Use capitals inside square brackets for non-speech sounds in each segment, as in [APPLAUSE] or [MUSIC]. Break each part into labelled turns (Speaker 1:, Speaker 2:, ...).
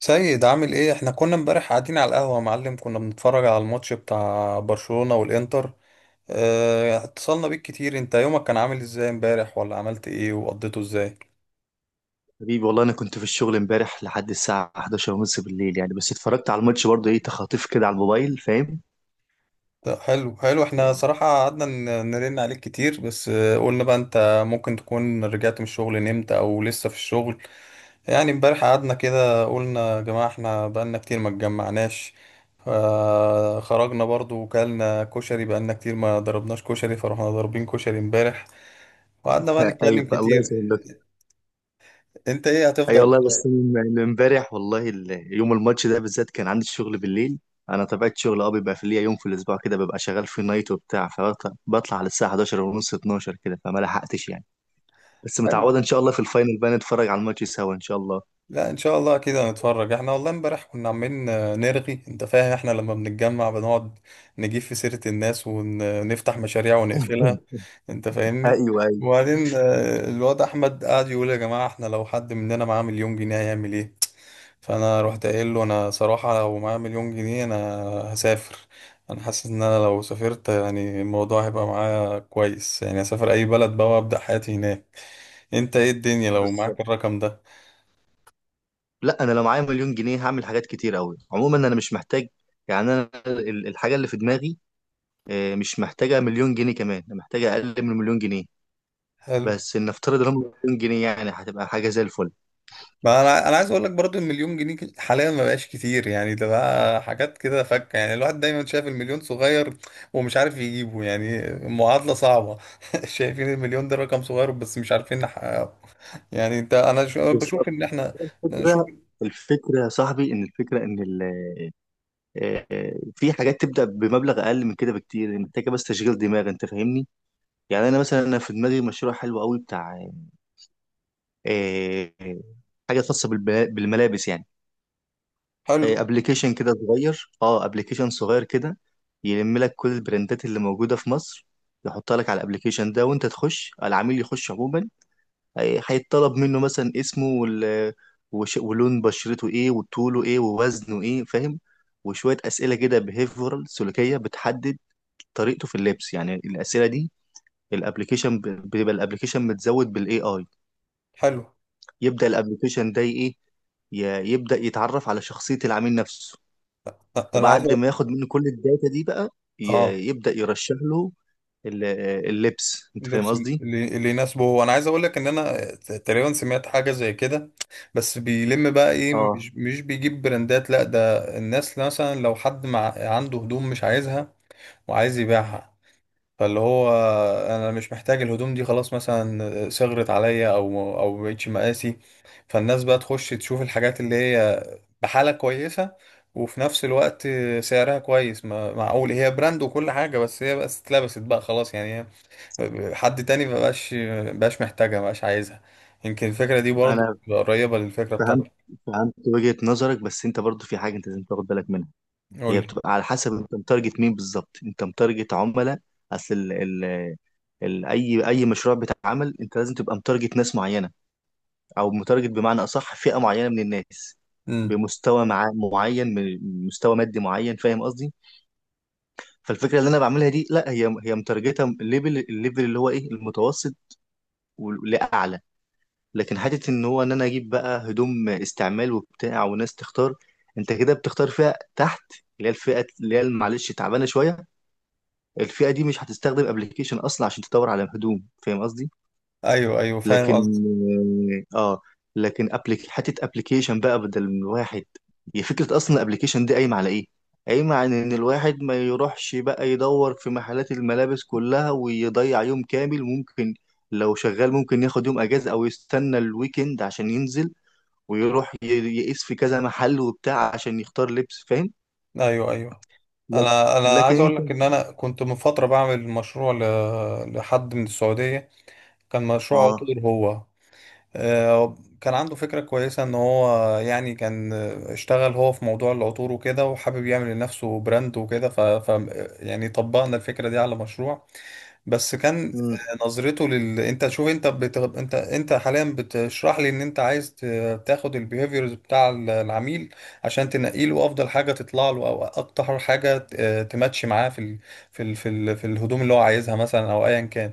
Speaker 1: سيد، عامل ايه؟ احنا كنا امبارح قاعدين على القهوة يا معلم، كنا بنتفرج على الماتش بتاع برشلونة والانتر. اه، اتصلنا بيك كتير. انت يومك كان عامل ازاي امبارح؟ ولا عملت ايه وقضيته ازاي؟
Speaker 2: حبيبي والله انا كنت في الشغل امبارح لحد الساعه 11 ونص بالليل يعني، بس اتفرجت على الماتش برضه، ايه تخاطيف كده على الموبايل، فاهم.
Speaker 1: لا، حلو حلو. احنا صراحة
Speaker 2: [LAUGHS]
Speaker 1: قعدنا نرن عليك كتير، بس قلنا بقى انت ممكن تكون رجعت من الشغل، نمت او لسه في الشغل. يعني امبارح قعدنا كده، قلنا يا جماعة احنا بقالنا كتير ما اتجمعناش. خرجنا برضو وكلنا كشري، بقالنا كتير ما ضربناش كشري، فروحنا ضاربين كشري امبارح. وقعدنا بقى نتكلم
Speaker 2: ايوه، الله
Speaker 1: كتير.
Speaker 2: يسهل لك.
Speaker 1: انت ايه،
Speaker 2: اي
Speaker 1: هتفضل انت؟
Speaker 2: والله، بس من امبارح والله يوم الماتش ده بالذات كان عندي شغل بالليل. انا طبيعه شغل اه بيبقى في ليا يوم في الاسبوع كده، ببقى شغال في نايت وبتاع، فبطلع على الساعه 11 ونص 12 كده فما لحقتش يعني. بس
Speaker 1: حلو.
Speaker 2: متعوده، ان شاء الله في الفاينل بقى نتفرج على الماتش سوا ان شاء الله.
Speaker 1: لا، ان شاء الله كده نتفرج. احنا والله امبارح كنا عمالين نرغي، انت فاهم؟ احنا لما بنتجمع بنقعد نجيب في سيرة الناس ونفتح مشاريع ونقفلها.
Speaker 2: [LAUGHS]
Speaker 1: انت فاهمني؟
Speaker 2: ايوه ايوه،
Speaker 1: وبعدين الواد احمد قعد يقول: يا جماعة، احنا لو حد مننا معاه مليون جنيه هيعمل ايه؟ فانا رحت قايل له: انا صراحة لو معايا مليون جنيه انا هسافر. انا حاسس ان انا لو سافرت يعني الموضوع هيبقى معايا كويس، يعني اسافر اي بلد بقى وابدا حياتي هناك. انت ايه الدنيا لو معاك
Speaker 2: بالظبط.
Speaker 1: الرقم ده؟
Speaker 2: لا انا لو معايا مليون جنيه هعمل حاجات كتير قوي، عموما انا مش محتاج. يعني انا الحاجه اللي في دماغي مش محتاجه مليون جنيه، كمان انا محتاجه اقل من مليون جنيه.
Speaker 1: حلو.
Speaker 2: بس نفترض ان هم مليون جنيه، يعني هتبقى حاجه زي الفل.
Speaker 1: ما انا عايز اقول لك برضو، المليون جنيه حاليا ما بقاش كتير، يعني ده بقى حاجات كده فكه، يعني الواحد دايما شايف المليون صغير ومش عارف يجيبه، يعني معادله صعبه. [LAUGHS] شايفين المليون ده رقم صغير بس مش عارفين نحققه. يعني انت، انا بشوف
Speaker 2: بالظبط.
Speaker 1: ان احنا نشوف.
Speaker 2: الفكره، الفكره يا صاحبي، ان الفكره ان في حاجات تبدا بمبلغ اقل من كده بكتير، محتاجه بس تشغيل دماغ، انت فاهمني. يعني انا مثلا، انا في دماغي مشروع حلو قوي بتاع آه، آه، حاجه خاصه بالملابس يعني.
Speaker 1: حلو
Speaker 2: ابلكيشن كده صغير، اه ابلكيشن صغير كده، يلم لك كل البراندات اللي موجوده في مصر، يحطها لك على الابلكيشن ده، وانت تخش، العميل يخش عموما، هيطلب منه مثلا اسمه ولون بشرته ايه، وطوله ايه، ووزنه ايه، فاهم. وشويه اسئله كده بيهيفورال سلوكيه، بتحدد طريقته في اللبس يعني الاسئله دي. الابلكيشن بيبقى الابلكيشن متزود بالاي اي.
Speaker 1: حلو.
Speaker 2: يبدا الابلكيشن ده ايه، يبدا يتعرف على شخصيه العميل نفسه.
Speaker 1: انا عايز
Speaker 2: وبعد ما
Speaker 1: أقول-
Speaker 2: ياخد منه كل الداتا دي بقى،
Speaker 1: اه.
Speaker 2: يبدأ يرشح له ال- اللبس، انت فاهم
Speaker 1: اللبس
Speaker 2: قصدي.
Speaker 1: اللي يناسبه. هو انا عايز اقول لك ان انا تقريبا سمعت حاجه زي كده. بس بيلم بقى ايه؟
Speaker 2: اه
Speaker 1: مش بيجيب براندات، لا، ده الناس مثلا لو حد مع عنده هدوم مش عايزها وعايز يبيعها. فاللي هو، انا مش محتاج الهدوم دي خلاص، مثلا صغرت عليا او مبقتش مقاسي. فالناس بقى تخش تشوف الحاجات اللي هي بحاله كويسه، وفي نفس الوقت سعرها كويس. معقول هي براند وكل حاجه بس هي بس اتلبست بقى، خلاص يعني هي حد تاني مبقاش، مبقاش محتاجها، مبقاش عايزها. يمكن الفكرة دي برضو
Speaker 2: انا
Speaker 1: قريبة للفكرة
Speaker 2: فهمت،
Speaker 1: بتاعتك.
Speaker 2: فهمت وجهة نظرك، بس انت برضو في حاجة انت لازم تاخد بالك منها.
Speaker 1: قول
Speaker 2: هي
Speaker 1: لي.
Speaker 2: بتبقى على حسب انت متارجت مين بالظبط، انت متارجت عملاء. اصل ال ال ال اي اي مشروع بيتعمل انت لازم تبقى متارجت ناس معينة، او متارجت بمعنى اصح فئة معينة من الناس.
Speaker 1: امم.
Speaker 2: بمستوى معين مستوى مادي معين، فاهم قصدي. فالفكره اللي انا بعملها دي لا، هي مترجته الليفل، الليفل اللي هو ايه، المتوسط لاعلى. لكن حته ان هو ان انا اجيب بقى هدوم استعمال وبتاع وناس تختار، انت كده بتختار فئه تحت، اللي هي الفئه اللي هي معلش تعبانه شويه. الفئه دي مش هتستخدم ابلكيشن اصلا عشان تدور على هدوم، فاهم قصدي.
Speaker 1: ايوه ايوه، فاهم
Speaker 2: لكن
Speaker 1: قصدي.
Speaker 2: اه، لكن حته ابلكيشن بقى بدل من الواحد، هي فكره اصلا الابلكيشن دي قايمه على ايه، قايمه على ان الواحد ما يروحش بقى يدور في محلات الملابس كلها ويضيع يوم كامل، ممكن لو شغال ممكن ياخد يوم اجازه، او يستنى الويكند عشان ينزل ويروح يقيس في كذا محل وبتاع عشان يختار لبس، فاهم.
Speaker 1: ايوه ايوه،
Speaker 2: لك-
Speaker 1: انا
Speaker 2: لكن
Speaker 1: عايز اقول
Speaker 2: انت
Speaker 1: لك ان انا كنت من فترة بعمل مشروع لحد من السعودية. كان مشروع
Speaker 2: اه،
Speaker 1: عطور، هو كان عنده فكرة كويسة ان هو، يعني كان اشتغل هو في موضوع العطور وكده، وحابب يعمل لنفسه براند وكده. ف... ف يعني طبقنا الفكرة دي على مشروع، بس كان
Speaker 2: امم،
Speaker 1: نظرته انت شوف. انت انت حاليا بتشرح لي ان انت عايز تاخد البيهيفيرز بتاع العميل، عشان تنقي له افضل حاجه تطلع له، او اكتر حاجه تماتش معاه في الهدوم اللي هو عايزها مثلا، او ايا كان.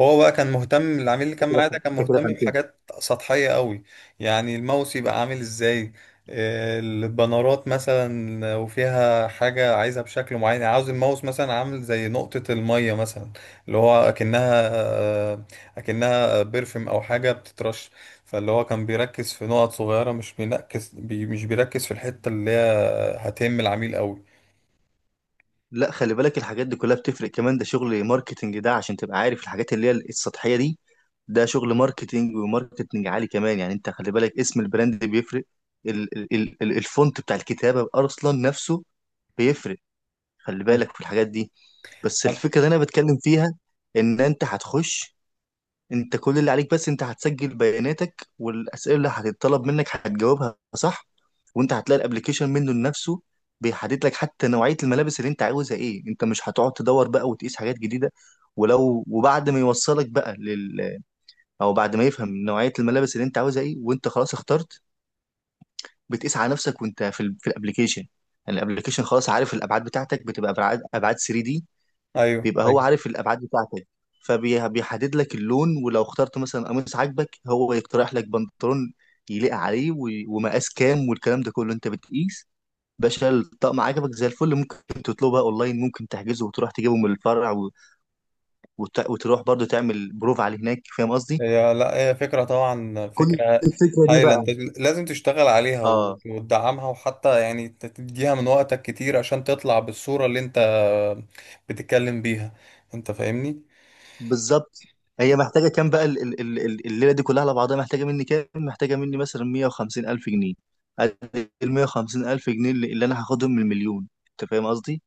Speaker 1: هو بقى كان مهتم، العميل اللي كان
Speaker 2: انت كده
Speaker 1: معاه ده كان
Speaker 2: انت كده
Speaker 1: مهتم
Speaker 2: فهمت.
Speaker 1: بحاجات سطحيه قوي، يعني الماوس يبقى عامل ازاي، البنرات مثلا وفيها حاجة عايزها بشكل معين، يعني عاوز الماوس مثلا عامل زي نقطة المية مثلا، اللي هو اكنها بيرفيوم او حاجه بتترش. فاللي هو كان بيركز في نقط صغيره، مش بينكس بي مش بيركز في الحته اللي هي هتهم العميل قوي.
Speaker 2: لا خلي بالك، الحاجات دي كلها بتفرق، كمان ده شغل ماركتنج، ده عشان تبقى عارف الحاجات اللي هي السطحية دي، ده شغل ماركتنج وماركتنج عالي كمان يعني. انت خلي بالك، اسم البراند بيفرق، الفونت بتاع الكتابة اصلا نفسه بيفرق، خلي
Speaker 1: مم.
Speaker 2: بالك في الحاجات دي. بس
Speaker 1: أنا-
Speaker 2: الفكرة اللي انا بتكلم فيها، ان انت هتخش، انت كل اللي عليك بس انت هتسجل بياناتك، والاسئله اللي هتتطلب منك هتجاوبها صح، وانت هتلاقي الابلكيشن منه لنفسه بيحدد لك حتى نوعيه الملابس اللي انت عاوزها ايه، انت مش هتقعد تدور بقى وتقيس حاجات جديده. ولو، وبعد ما يوصلك بقى لل، او بعد ما يفهم نوعيه الملابس اللي انت عاوزها ايه، وانت خلاص اخترت، بتقيس على نفسك وانت في في الابلكيشن. يعني الابلكيشن خلاص عارف الابعاد بتاعتك، بتبقى ابعاد 3D،
Speaker 1: ايوه
Speaker 2: بيبقى هو
Speaker 1: ايوه.
Speaker 2: عارف الابعاد بتاعتك، فبيحدد لك اللون. ولو اخترت مثلا قميص عاجبك، هو يقترح لك بنطلون يليق عليه ومقاس كام، والكلام ده كله انت بتقيس. باشا الطقم عجبك زي الفل، ممكن تطلبها اونلاين، ممكن تحجزه وتروح تجيبه من الفرع وتروح برضه تعمل بروف عليه هناك، فاهم قصدي.
Speaker 1: هي، لا، هي فكره طبعا،
Speaker 2: كل
Speaker 1: فكره
Speaker 2: الفكرة دي
Speaker 1: هايله. انت
Speaker 2: بقى،
Speaker 1: لازم تشتغل عليها
Speaker 2: اه
Speaker 1: وتدعمها، وحتى يعني تديها من وقتك كتير عشان تطلع بالصوره اللي انت بتتكلم بيها. انت فاهمني؟
Speaker 2: بالظبط، هي محتاجه كام بقى؟ الليله دي كلها على بعضها محتاجه مني كام؟ محتاجه مني مثلا 150 الف جنيه. ادي ال 150 الف جنيه اللي انا هاخدهم من المليون، انت فاهم قصدي.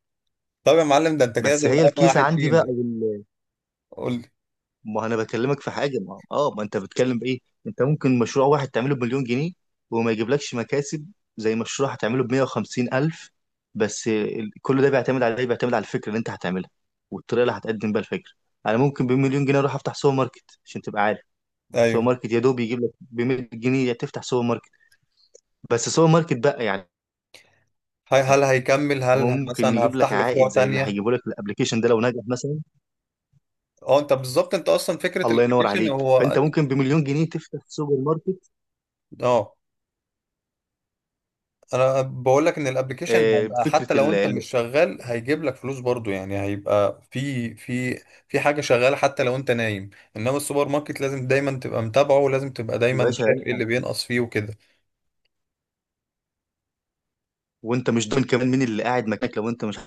Speaker 1: طب يا معلم، ده انت كده
Speaker 2: بس
Speaker 1: تبقى
Speaker 2: هي
Speaker 1: اغنى
Speaker 2: الكيسه
Speaker 1: واحد
Speaker 2: عندي بقى
Speaker 1: فينا.
Speaker 2: أو
Speaker 1: قول لي.
Speaker 2: ما انا بكلمك في حاجه ما اه، ما انت بتتكلم بايه. انت ممكن مشروع واحد تعمله بمليون جنيه وما يجيبلكش مكاسب زي مشروع هتعمله ب 150 الف. بس كل ده بيعتمد على ايه، بيعتمد على الفكره اللي انت هتعملها، والطريقه اللي هتقدم بيها الفكره. انا ممكن بمليون جنيه اروح افتح سوبر ماركت عشان تبقى سوبر
Speaker 1: ايوه.
Speaker 2: ماركت. يا دوب يجيب لك ب 100 جنيه تفتح سوبر ماركت، بس سوبر ماركت بقى يعني.
Speaker 1: هل هيكمل
Speaker 2: هو ممكن
Speaker 1: مثلا
Speaker 2: يجيب لك
Speaker 1: هفتح له فروع
Speaker 2: عائد زي اللي
Speaker 1: تانية؟
Speaker 2: هيجيبه لك الابلكيشن ده لو نجح مثلا؟
Speaker 1: اه. انت بالظبط، انت اصلا فكرة
Speaker 2: الله ينور
Speaker 1: الابلكيشن
Speaker 2: عليك.
Speaker 1: هو.
Speaker 2: فانت ممكن بمليون جنيه تفتح سوبر ماركت
Speaker 1: اه، انا بقول لك ان الابلكيشن هيبقى حتى
Speaker 2: بفكره
Speaker 1: لو انت مش شغال، هيجيب لك فلوس برضو، يعني هيبقى في في حاجة شغالة حتى لو انت نايم. انما السوبر ماركت لازم دايما تبقى متابعه، ولازم تبقى
Speaker 2: يا
Speaker 1: دايما
Speaker 2: باشا،
Speaker 1: شايف ايه اللي بينقص فيه وكده.
Speaker 2: وانت مش ضامن كمان مين اللي قاعد مكانك لو انت مش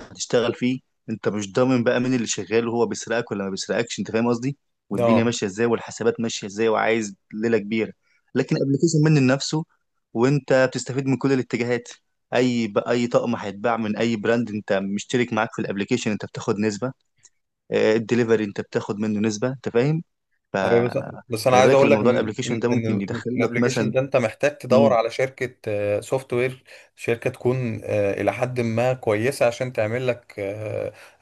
Speaker 2: هتشتغل فيه. انت مش ضامن بقى مين اللي شغال وهو بيسرقك ولا ما بيسرقكش، انت فاهم قصدي،
Speaker 1: اه.
Speaker 2: والدنيا ماشيه ازاي، والحسابات ماشيه ازاي، وعايز ليله كبيره. لكن ابلكيشن منه لنفسه وانت بتستفيد من كل الاتجاهات، اي اي طقم هيتباع من اي براند انت مشترك معاك في الابلكيشن، انت بتاخد نسبه. الدليفري انت بتاخد منه نسبه، انت فاهم؟ ف،
Speaker 1: أيوة، بس، بس انا
Speaker 2: خلي
Speaker 1: عايز
Speaker 2: بالك
Speaker 1: اقول لك
Speaker 2: الموضوع،
Speaker 1: ان
Speaker 2: الابلكيشن
Speaker 1: ان
Speaker 2: ده ممكن
Speaker 1: إن
Speaker 2: يدخل لك
Speaker 1: الابليكيشن
Speaker 2: مثلا،
Speaker 1: ده انت محتاج تدور
Speaker 2: مم،
Speaker 1: على شركه سوفت وير. شركه تكون الى حد ما كويسه عشان تعمل لك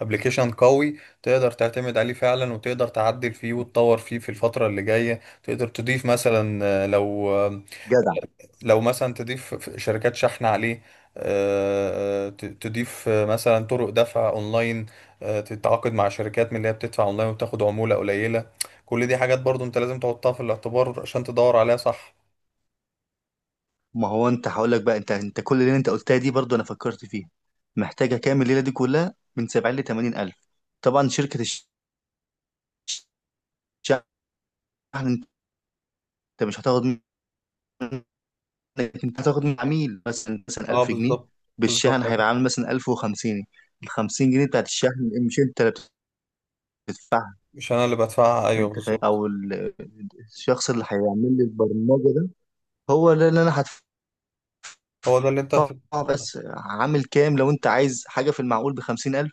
Speaker 1: ابليكيشن قوي، تقدر تعتمد عليه فعلا وتقدر تعدل فيه وتطور فيه في الفتره اللي جايه. تقدر تضيف مثلا لو
Speaker 2: جدع.
Speaker 1: لو مثلا تضيف شركات شحن عليه، تضيف مثلا طرق دفع اونلاين، تتعاقد مع شركات من اللي هي بتدفع اونلاين وبتاخد عمولة قليلة. كل دي حاجات برضو انت لازم تحطها في الاعتبار عشان تدور عليها صح.
Speaker 2: ما هو انت هقول لك بقى، انت كل الليله انت قلتها دي برضو انا فكرت فيها. محتاجه كام الليله دي كلها؟ من 70 ل 80 الف. طبعا شركه الشحن انت مش هتاخد منك، انت هتاخد من عميل مثلا، مثلا
Speaker 1: اه،
Speaker 2: 1000 جنيه
Speaker 1: بالظبط. بالظبط،
Speaker 2: بالشحن هيبقى عامل مثلا 1050. ال 50 جنيه بتاعت الشحن مش انت اللي بتدفعها،
Speaker 1: مش انا اللي بدفعها، ايوه
Speaker 2: انت فاهم.
Speaker 1: بالظبط.
Speaker 2: او الشخص اللي هيعمل لي البرمجه ده، هو اللي انا هدفعه.
Speaker 1: هو ده اللي انت هت-
Speaker 2: بس عامل كام؟ لو انت عايز حاجه في المعقول ب 50,000،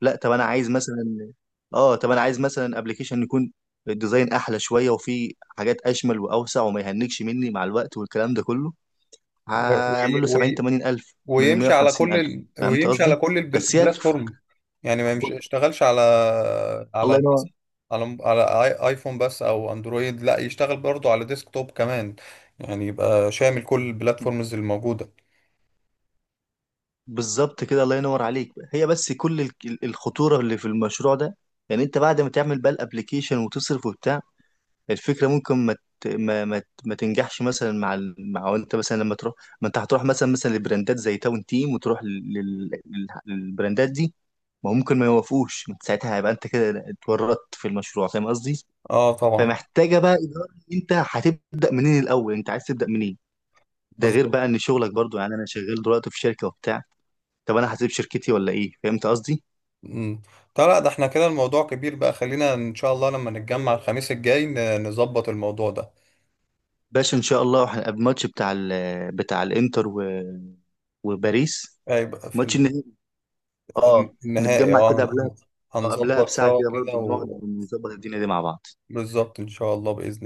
Speaker 2: لا طب انا عايز مثلا، اه طب انا عايز مثلا ابلكيشن يكون الديزاين احلى شويه، وفيه حاجات اشمل واوسع وما يهنكش مني مع الوقت، والكلام ده كله
Speaker 1: و-
Speaker 2: هعمل له
Speaker 1: و-
Speaker 2: 70 80 الف من ال 150 الف، فهمت
Speaker 1: ويمشي على
Speaker 2: قصدي.
Speaker 1: كل
Speaker 2: بس هي،
Speaker 1: البلاتفورم، يعني ما يمشي يشتغلش
Speaker 2: الله
Speaker 1: على
Speaker 2: ينور.
Speaker 1: على ايفون بس او اندرويد، لا يشتغل برضو على ديسكتوب كمان، يعني يبقى شامل كل البلاتفورمز الموجودة.
Speaker 2: بالظبط كده، الله ينور عليك. هي بس كل الخطوره اللي في المشروع ده، يعني انت بعد ما تعمل بقى الابلكيشن وتصرف وبتاع، الفكرة ممكن ما تنجحش مثلا مع مع انت مثلا لما تروح. ما انت هتروح مثلا، مثلا لبراندات زي تاون تيم وتروح للبراندات دي، ما هو ممكن ما يوافقوش، انت ساعتها هيبقى انت كده اتورطت في المشروع، فاهم قصدي.
Speaker 1: اه طبعا.
Speaker 2: فمحتاجة بقى إدارة، انت هتبدأ منين الأول، انت عايز تبدأ منين. ده غير
Speaker 1: بالظبط.
Speaker 2: بقى ان شغلك برضو، يعني انا شغال دلوقتي في شركة وبتاع، طب انا هسيب شركتي ولا ايه، فهمت قصدي.
Speaker 1: مم. طيب لا، ده احنا كده الموضوع كبير بقى، خلينا ان شاء الله لما نتجمع الخميس الجاي نظبط الموضوع ده.
Speaker 2: باشا ان شاء الله هنبقى الماتش بتاع بتاع الانتر و، وباريس
Speaker 1: هيبقى في
Speaker 2: ماتش، اه،
Speaker 1: النهائي،
Speaker 2: نتجمع
Speaker 1: اه.
Speaker 2: كده قبلها،
Speaker 1: هن-
Speaker 2: قبلها
Speaker 1: هنظبط
Speaker 2: بساعة
Speaker 1: سوا
Speaker 2: كده
Speaker 1: كده.
Speaker 2: برضو نقعد ونظبط الدنيا دي مع بعض.
Speaker 1: وبالظبط ان شاء الله بإذن الله.